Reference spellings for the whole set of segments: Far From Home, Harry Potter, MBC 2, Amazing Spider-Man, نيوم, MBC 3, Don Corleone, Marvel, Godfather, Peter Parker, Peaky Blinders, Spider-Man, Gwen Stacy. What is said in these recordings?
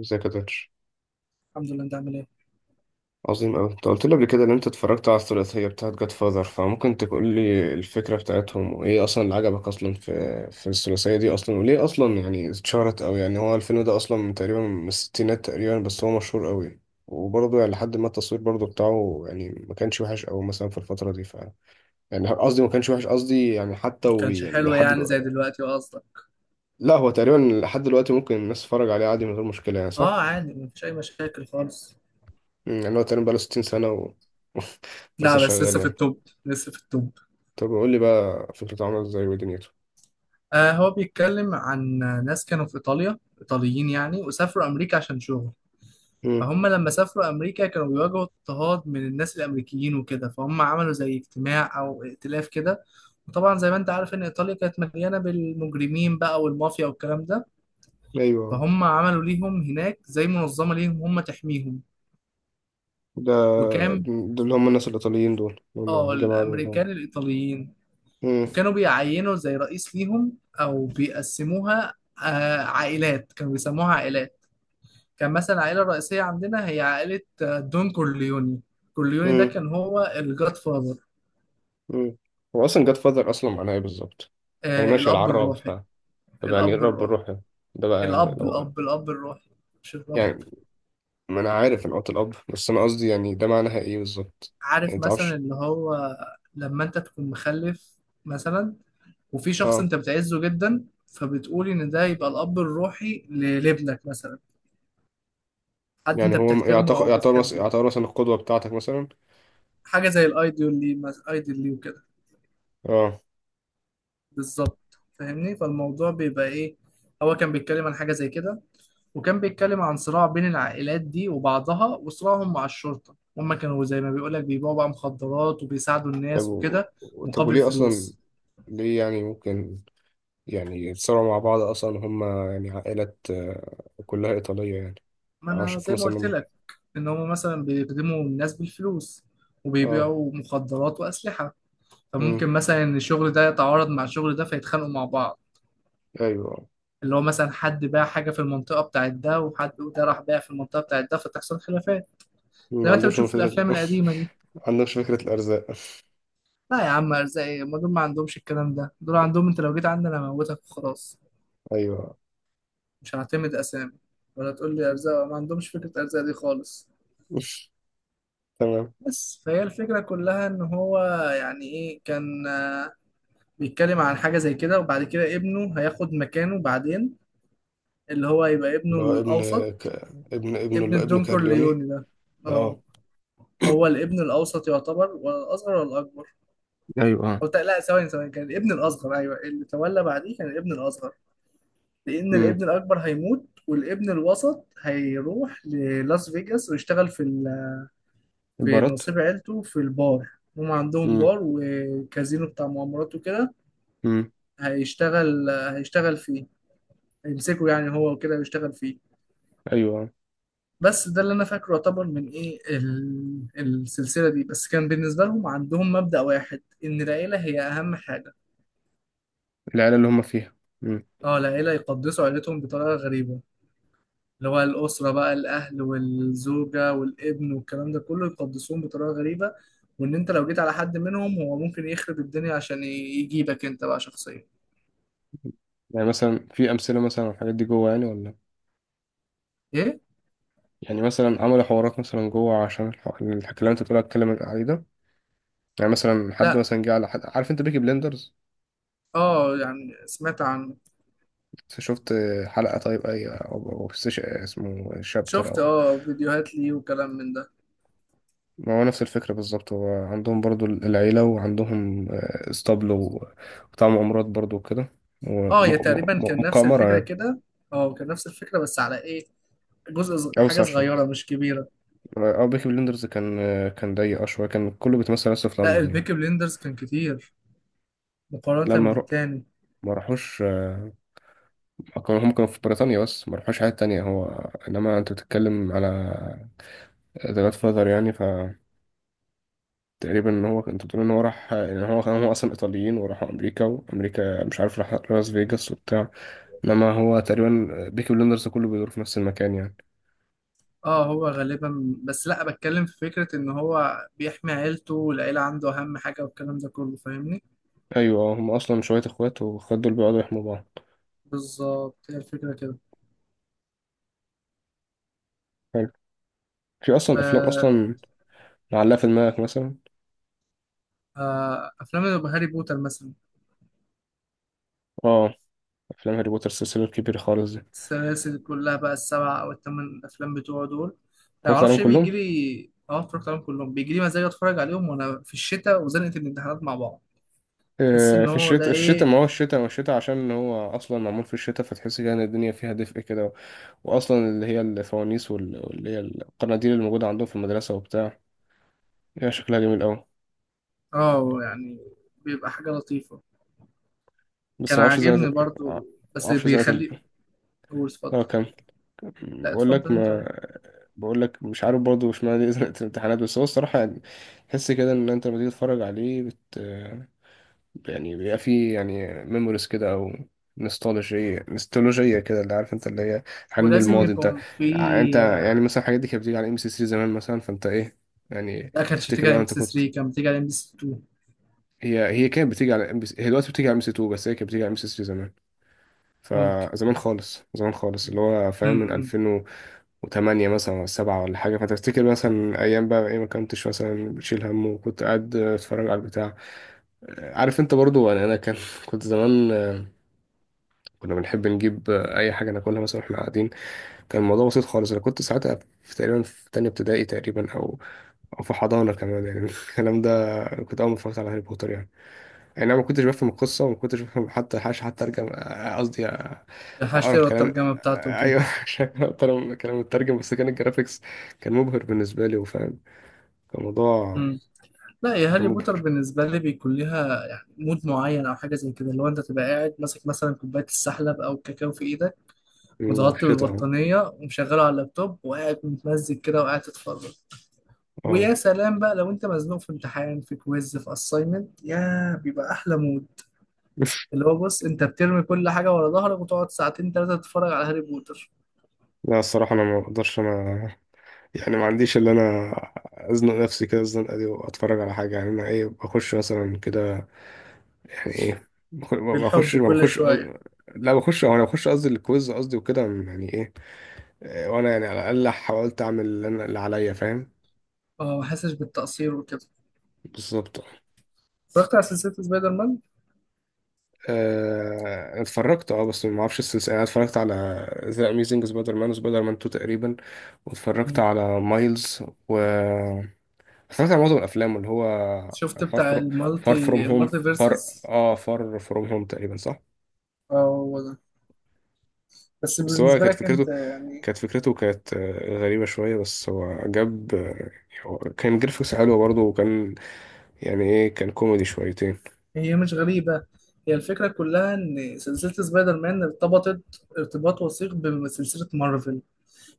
ازيك يا دكتور؟ الحمد لله، انت عامل ايه؟ عظيم أوي. انت قلت لي قبل كده ان انت اتفرجت على الثلاثية بتاعت جاد فاذر، فممكن تقول لي الفكرة بتاعتهم وايه اصلا اللي عجبك اصلا في الثلاثية دي اصلا، وليه اصلا يعني اتشهرت أوي؟ يعني هو الفيلم ده اصلا من تقريبا من الستينات تقريبا، بس هو مشهور أوي. وبرضه يعني لحد ما التصوير برضه بتاعه يعني ما كانش وحش أوي مثلا في الفترة دي يعني قصدي ما كانش وحش، قصدي يعني حتى ما وبي كانش يعني حلو لحد يعني زي دلوقتي. دلوقتي قصدك؟ لا، هو تقريبا لحد دلوقتي ممكن الناس تتفرج عليه عادي من غير مشكلة، يعني صح؟ اه، عادي مفيش اي مشاكل خالص. يعني هو تقريبا بقاله 60 سنة ولسه لا بس شغال لسه في يعني. التوب لسه في التوب. طب قول لي بقى فكرته عاملة ازاي ودنيته. آه، هو بيتكلم عن ناس كانوا في ايطاليا، ايطاليين يعني، وسافروا امريكا عشان شغل. امم. فهم لما سافروا امريكا كانوا بيواجهوا اضطهاد من الناس الامريكيين وكده، فهم عملوا زي اجتماع او ائتلاف كده. وطبعا زي ما انت عارف ان ايطاليا كانت مليانه بالمجرمين بقى والمافيا والكلام ده، ايوه، فهم عملوا ليهم هناك زي منظمه ليهم هم تحميهم. ده وكان، ده اللي هم الناس الايطاليين دول، اللي هم اه، الجماعه دول، اه. الامريكان الايطاليين. امم. وكانوا بيعينوا زي رئيس ليهم او بيقسموها عائلات، كانوا بيسموها عائلات. كان مثلا العائله الرئيسيه عندنا هي عائله دون كورليوني. كورليوني ده امم. كان هو الجاد فاذر. امم. هو أصلا جاد فاذر أصلا معناه إيه بالظبط؟ يعني ماشي، الاب العراب. الروحي. طب يعني إيه الاب الرب الروحي. الروح ده؟ ده بقى يعني الاب لو الاب الاب الروحي، مش الرب. يعني، ما أنا عارف إن قوة الأب، بس أنا قصدي يعني ده معناها إيه بالظبط؟ يعني عارف مثلا متعرفش. اللي هو، لما انت تكون مخلف مثلا، وفي شخص اه. انت بتعزه جدا، فبتقول ان ده يبقى الاب الروحي لابنك مثلا. حد يعني انت هو بتحترمه يعتبر او يعتبر مثلا بتحبه. يعتبر مثلا القدوة بتاعتك مثلا. حاجه زي الايدول ليه، ايدول ليه وكده. اه. بالظبط، فاهمني؟ فالموضوع بيبقى ايه، هو كان بيتكلم عن حاجه زي كده. وكان بيتكلم عن صراع بين العائلات دي وبعضها، وصراعهم مع الشرطه. هما كانوا زي ما بيقولك بيبيعوا بقى مخدرات وبيساعدوا طب الناس و... وكده، طب مقابل وليه أصلا؟ فلوس. ليه يعني ممكن يعني اتصوروا مع بعض أصلا هما يعني عائلات، كلها إيطالية يعني. ما أنا انا أشوف زي ما مثلا قلت لما لك ان هما مثلا بيخدموا الناس بالفلوس، اه. وبيبيعوا مخدرات واسلحه، مم. فممكن مثلا ان الشغل ده يتعارض مع الشغل ده فيتخانقوا مع بعض. أيوه. اللي هو مثلا حد باع حاجة في المنطقة بتاعت ده، وحد ده راح باع في المنطقة بتاعت ده، فتحصل خلافات. زي ما ما انت عندهمش هم بتشوف في فكرة. الأفلام القديمة دي. ما عندهمش فكرة الأرزاق. لا يا عم، أرزاقي ما دول ما عندهمش الكلام ده، دول عندهم انت لو جيت عندنا أنا هموتك وخلاص. أيوه. مش هعتمد أسامي ولا تقول لي أرزاق، ما عندهمش فكرة أرزاق دي خالص. تمام. بس فهي الفكرة كلها إن هو يعني إيه، كان بيتكلم عن حاجة زي كده، وبعد كده ابنه هياخد مكانه بعدين، اللي هو يبقى ابنه اللي هو ابن الأوسط. ك... ابن ابن اللي هو ابن الدون كارليوني. كورليوني ده. اه. اه. هو الابن الأوسط يعتبر ولا الأصغر ولا الأكبر؟ ايوه. اه. أو لا، ثواني ثواني، كان الابن الأصغر. أيوه، اللي تولى بعديه كان الابن الأصغر. لأن امم. الابن الأكبر هيموت، والابن الوسط هيروح للاس فيجاس ويشتغل في في البارات. نصيب عيلته في البار. هم عندهم امم. بار وكازينو بتاع مؤامرات وكده. امم. هيشتغل فيه، هيمسكه يعني هو وكده ويشتغل فيه. ايوه. بس ده اللي أنا فاكره يعتبر من إيه السلسلة دي. بس كان بالنسبة لهم عندهم مبدأ واحد إن العيلة هي أهم حاجة. العيله اللي هم فيها. امم. اه، العيلة يقدسوا عيلتهم بطريقة غريبة. اللي هو الأسرة بقى، الأهل والزوجة والابن والكلام ده كله، يقدسوهم بطريقة غريبة. وإن أنت لو جيت على حد منهم هو ممكن يخرب الدنيا عشان يجيبك أنت بقى شخصيا. يعني مثلا في امثله مثلا على الحاجات دي جوه يعني، ولا إيه؟ يعني مثلا عملوا حوارات مثلا جوه عشان الحكي اللي انت بتقول اتكلم عليه ده؟ يعني مثلا حد لأ. مثلا جه على حد. عارف انت بيكي بلندرز؟ اه يعني سمعت عنه. شفت حلقة؟ طيب اي او أو بس اسمه شابتر شفت او. اه فيديوهات ليه وكلام من ده. ما هو نفس الفكرة بالظبط. هو عندهم برضو العيلة، وعندهم اسطبل وبتاع مغامرات برضو وكده. وم- اه، هي م- تقريبا م- كان نفس مقامرة الفكرة يعني. كده. اه، كان نفس الفكرة بس على إيه؟ جزء حاجة أوسع شوية. صغيرة مش كبيرة. أو بيكي بلندرز كان ضيق شوية، كان كله بيتمثل بس في لأ لندن يعني. البيكي بليندرز كان كتير لا، مقارنة ما رو- بالتاني. ما راحوش. هم كانوا في بريطانيا، بس ما راحوش حتة تانية. هو إنما أنت بتتكلم على ذا جاد فاذر يعني، تقريبا ان هو، انت بتقول ان هو راح، ان هو كان، هو اصلا ايطاليين وراحوا امريكا، وامريكا مش عارف راح لاس فيجاس وبتاع. انما هو تقريبا بيكي بلندرز ده كله بيدور في نفس المكان يعني. اه هو غالبا، بس لا بتكلم في فكرة ان هو بيحمي عيلته والعيلة عنده اهم حاجة والكلام ده كله، فاهمني؟ ايوه، هم اصلا شويه اخوات، والاخوات دول بيقعدوا يحموا بعض. بالظبط، هي الفكرة كده. حلو. في ف، اصلا افلام اصلا معلقه في دماغك مثلا؟ افلام اللي هاري بوتر مثلا. اه، افلام هاري بوتر، السلسله الكبيره خالص دي. السلاسل كلها بقى، السبع او الثمان افلام بتوعه دول. ما اتفرجت عليهم اعرفش ايه بيجي كلهم. لي، اه اتفرجت عليهم كلهم. بيجي لي مزاج اتفرج عليهم وانا في الشتاء وزنقة الامتحانات مع بعض. تحس ان في هو ده الشتاء، الشتاء ايه، ما هو الشتاء، ما الشتاء عشان هو اصلا معمول في الشتاء، فتحس كده ان الدنيا فيها دفء كده. واصلا اللي هي الفوانيس واللي هي القناديل الموجوده عندهم في المدرسه وبتاع، هي شكلها جميل أوي. اه يعني بيبقى حاجة لطيفة. بس كان معرفش ازاي، عاجبني ما برضو، بس معرفش ازاي بيخلي. قول، اه اتفضل. كم. لا بقول اتفضل لك، انت. ما بقول لك مش عارف برضه، مش معنى دي زنقة الامتحانات، بس هو الصراحة يعني تحس كده ان انت لما تيجي تتفرج عليه يعني بيبقى فيه يعني ميموريز كده، او نوستالجية كده، اللي عارف انت اللي هي حنين ولازم للماضي. انت يكون في. يعني، انت يعني مثلا الحاجات دي كانت بتيجي على ام سي 3 زمان مثلا، فانت ايه يعني لا، كانتش تفتكر بتيجي على بقى ام بي انت سي كنت. 3، كانت بتيجي على ام بي سي 2. هي كانت بتيجي على ام بي سي، هي دلوقتي بتيجي على ام سي 2، بس هي كانت بتيجي على ام سي 3. ممكن. فزمان خالص زمان خالص، اللي هو فاهم من امم. 2008 مثلا ولا 7 ولا حاجة. فتفتكر مثلا أيام بقى إيه، ما كنتش مثلا بتشيل هم، وكنت قاعد أتفرج على البتاع. عارف أنت برضو، أنا كان كنت زمان، كنا بنحب نجيب أي حاجة ناكلها مثلا وإحنا قاعدين. كان الموضوع بسيط خالص، أنا كنت ساعتها في تقريبا في تانية ابتدائي تقريبا، أو أو في حضانة كمان يعني. الكلام ده كنت أول ما اتفرجت على هاري بوتر يعني، يعني انا ما كنتش بفهم القصه، وما كنتش بفهم حتى حاجه حتى ارجع، قصدي اقرا هشتري الكلام. الترجمة بتاعته وكده. ايوه، عشان اقرا كلام مترجم. بس كان الجرافيكس كان مبهر بالنسبه لي، وفاهم، كان موضوع، مم. لا، يا كان هاري بوتر مبهر. بالنسبة لي بيكون ليها يعني مود معين أو حاجة زي كده، اللي هو أنت تبقى قاعد ماسك مثلا كوباية السحلب أو الكاكاو في إيدك، في متغطي الشتاء اه. بالبطانية ومشغله على اللابتوب وقاعد متمزج كده وقاعد تتفرج. اه. ويا سلام بقى لو أنت مزنوق في امتحان في كويز في أسايمنت، يا بيبقى أحلى مود. اللي هو بص، انت بترمي كل حاجة ورا ظهرك وتقعد ساعتين تلاتة تتفرج على هاري بوتر. لا الصراحه انا ما اقدرش. انا يعني ما عنديش اللي انا ازنق نفسي كده الزنقه دي واتفرج على حاجه. يعني انا ايه بخش مثلا كده؟ يعني ايه ما بخش بالحب ما كل بخش شوية. لا بخش، او انا بخش قصدي الكويز، قصدي وكده يعني ايه. وانا يعني على الاقل حاولت اعمل اللي انا اللي عليا، فاهم. اه، ما حسش بالتقصير وكده. بالظبط. اتفرجت على سلسلة سبايدر مان. أنا اتفرجت اه، بس ما اعرفش السلسله. انا اتفرجت على ذا اميزنج سبايدر مان وسبايدر مان 2 تقريبا، واتفرجت مم. على مايلز، و اتفرجت على معظم الافلام اللي هو شفت فار بتاع فروم فار فروم المالتي، هوم، المالتي فار فيرسز؟ اه فار فروم هوم تقريبا صح. اه هو ده. بس بس هو بالنسبة كانت لك انت فكرته يعني، كانت فكرته كانت غريبة شوية. بس هو جاب، هو كان جرافيكس حلو برضه، وكان يعني ايه، كان كوميدي شويتين. هي مش غريبة. هي الفكرة كلها ان سلسلة سبايدر مان ارتبطت ارتباط وثيق بسلسلة مارفل،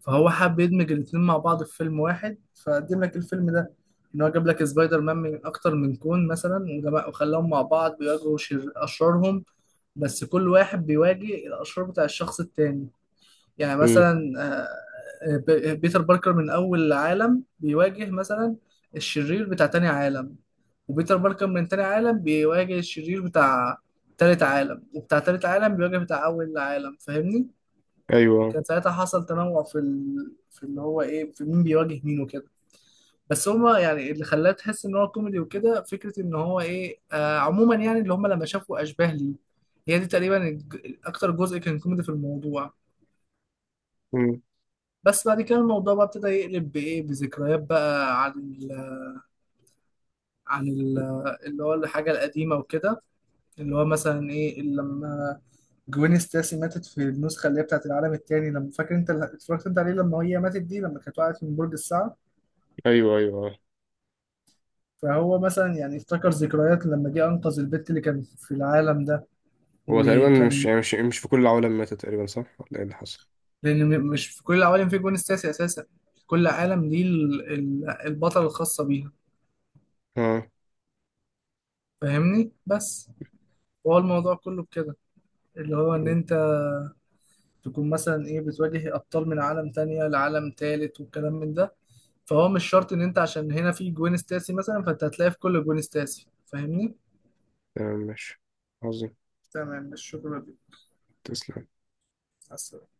فهو حب يدمج الاتنين مع بعض في فيلم واحد، فقدم لك الفيلم ده. ان هو جاب لك سبايدر مان من اكتر من كون مثلا، وخلاهم مع بعض بيواجهوا شر اشرارهم. بس كل واحد بيواجه الاشرار بتاع الشخص التاني. يعني امم. مثلا، بيتر باركر من اول عالم بيواجه مثلا الشرير بتاع تاني عالم، وبيتر باركر من تاني عالم بيواجه الشرير بتاع تالت عالم، وبتاع تالت عالم بيواجه بتاع اول عالم، فاهمني؟ ايوه. كان ساعتها حصل تنوع في في اللي هو ايه، في مين بيواجه مين وكده. بس هما يعني اللي خلاه تحس ان هو كوميدي وكده فكره ان هو ايه، عموما يعني اللي هما لما شافوا اشباه ليه، هي دي تقريبا اكتر جزء كان كوميدي في الموضوع. مم. بس بعد كده الموضوع بقى ابتدى يقلب بايه، بذكريات بقى عن عن ال... اللي هو الحاجه القديمه وكده. اللي هو مثلا ايه، لما جوين ستاسي ماتت في النسخه اللي هي بتاعت العالم التاني، لما فاكر انت اللي اتفرجت انت عليه، لما هي ماتت دي لما كانت وقعت من برج الساعه. ايوه ايوه آه. فهو مثلا يعني افتكر ذكريات لما جه انقذ البت اللي كان في العالم ده. هو تقريبا مش وكان، يعني مش مش في كل العوالم ماتت تقريبا صح، ولا ايه اللي حصل؟ لان مش في كل العوالم في جون سياسي اساسا. كل عالم ليه البطل الخاصه بيها، اه. فاهمني؟ بس هو الموضوع كله بكده، اللي هو ان مم. انت تكون مثلا ايه بتواجه ابطال من عالم تانية لعالم تالت والكلام من ده. فهو مش شرط ان انت عشان هنا في جوين ستاسي مثلا، فانت هتلاقي في كل جوين ستاسي، فاهمني؟ تمام ماشي. عظيم. تمام، الشكر تسلم. لك.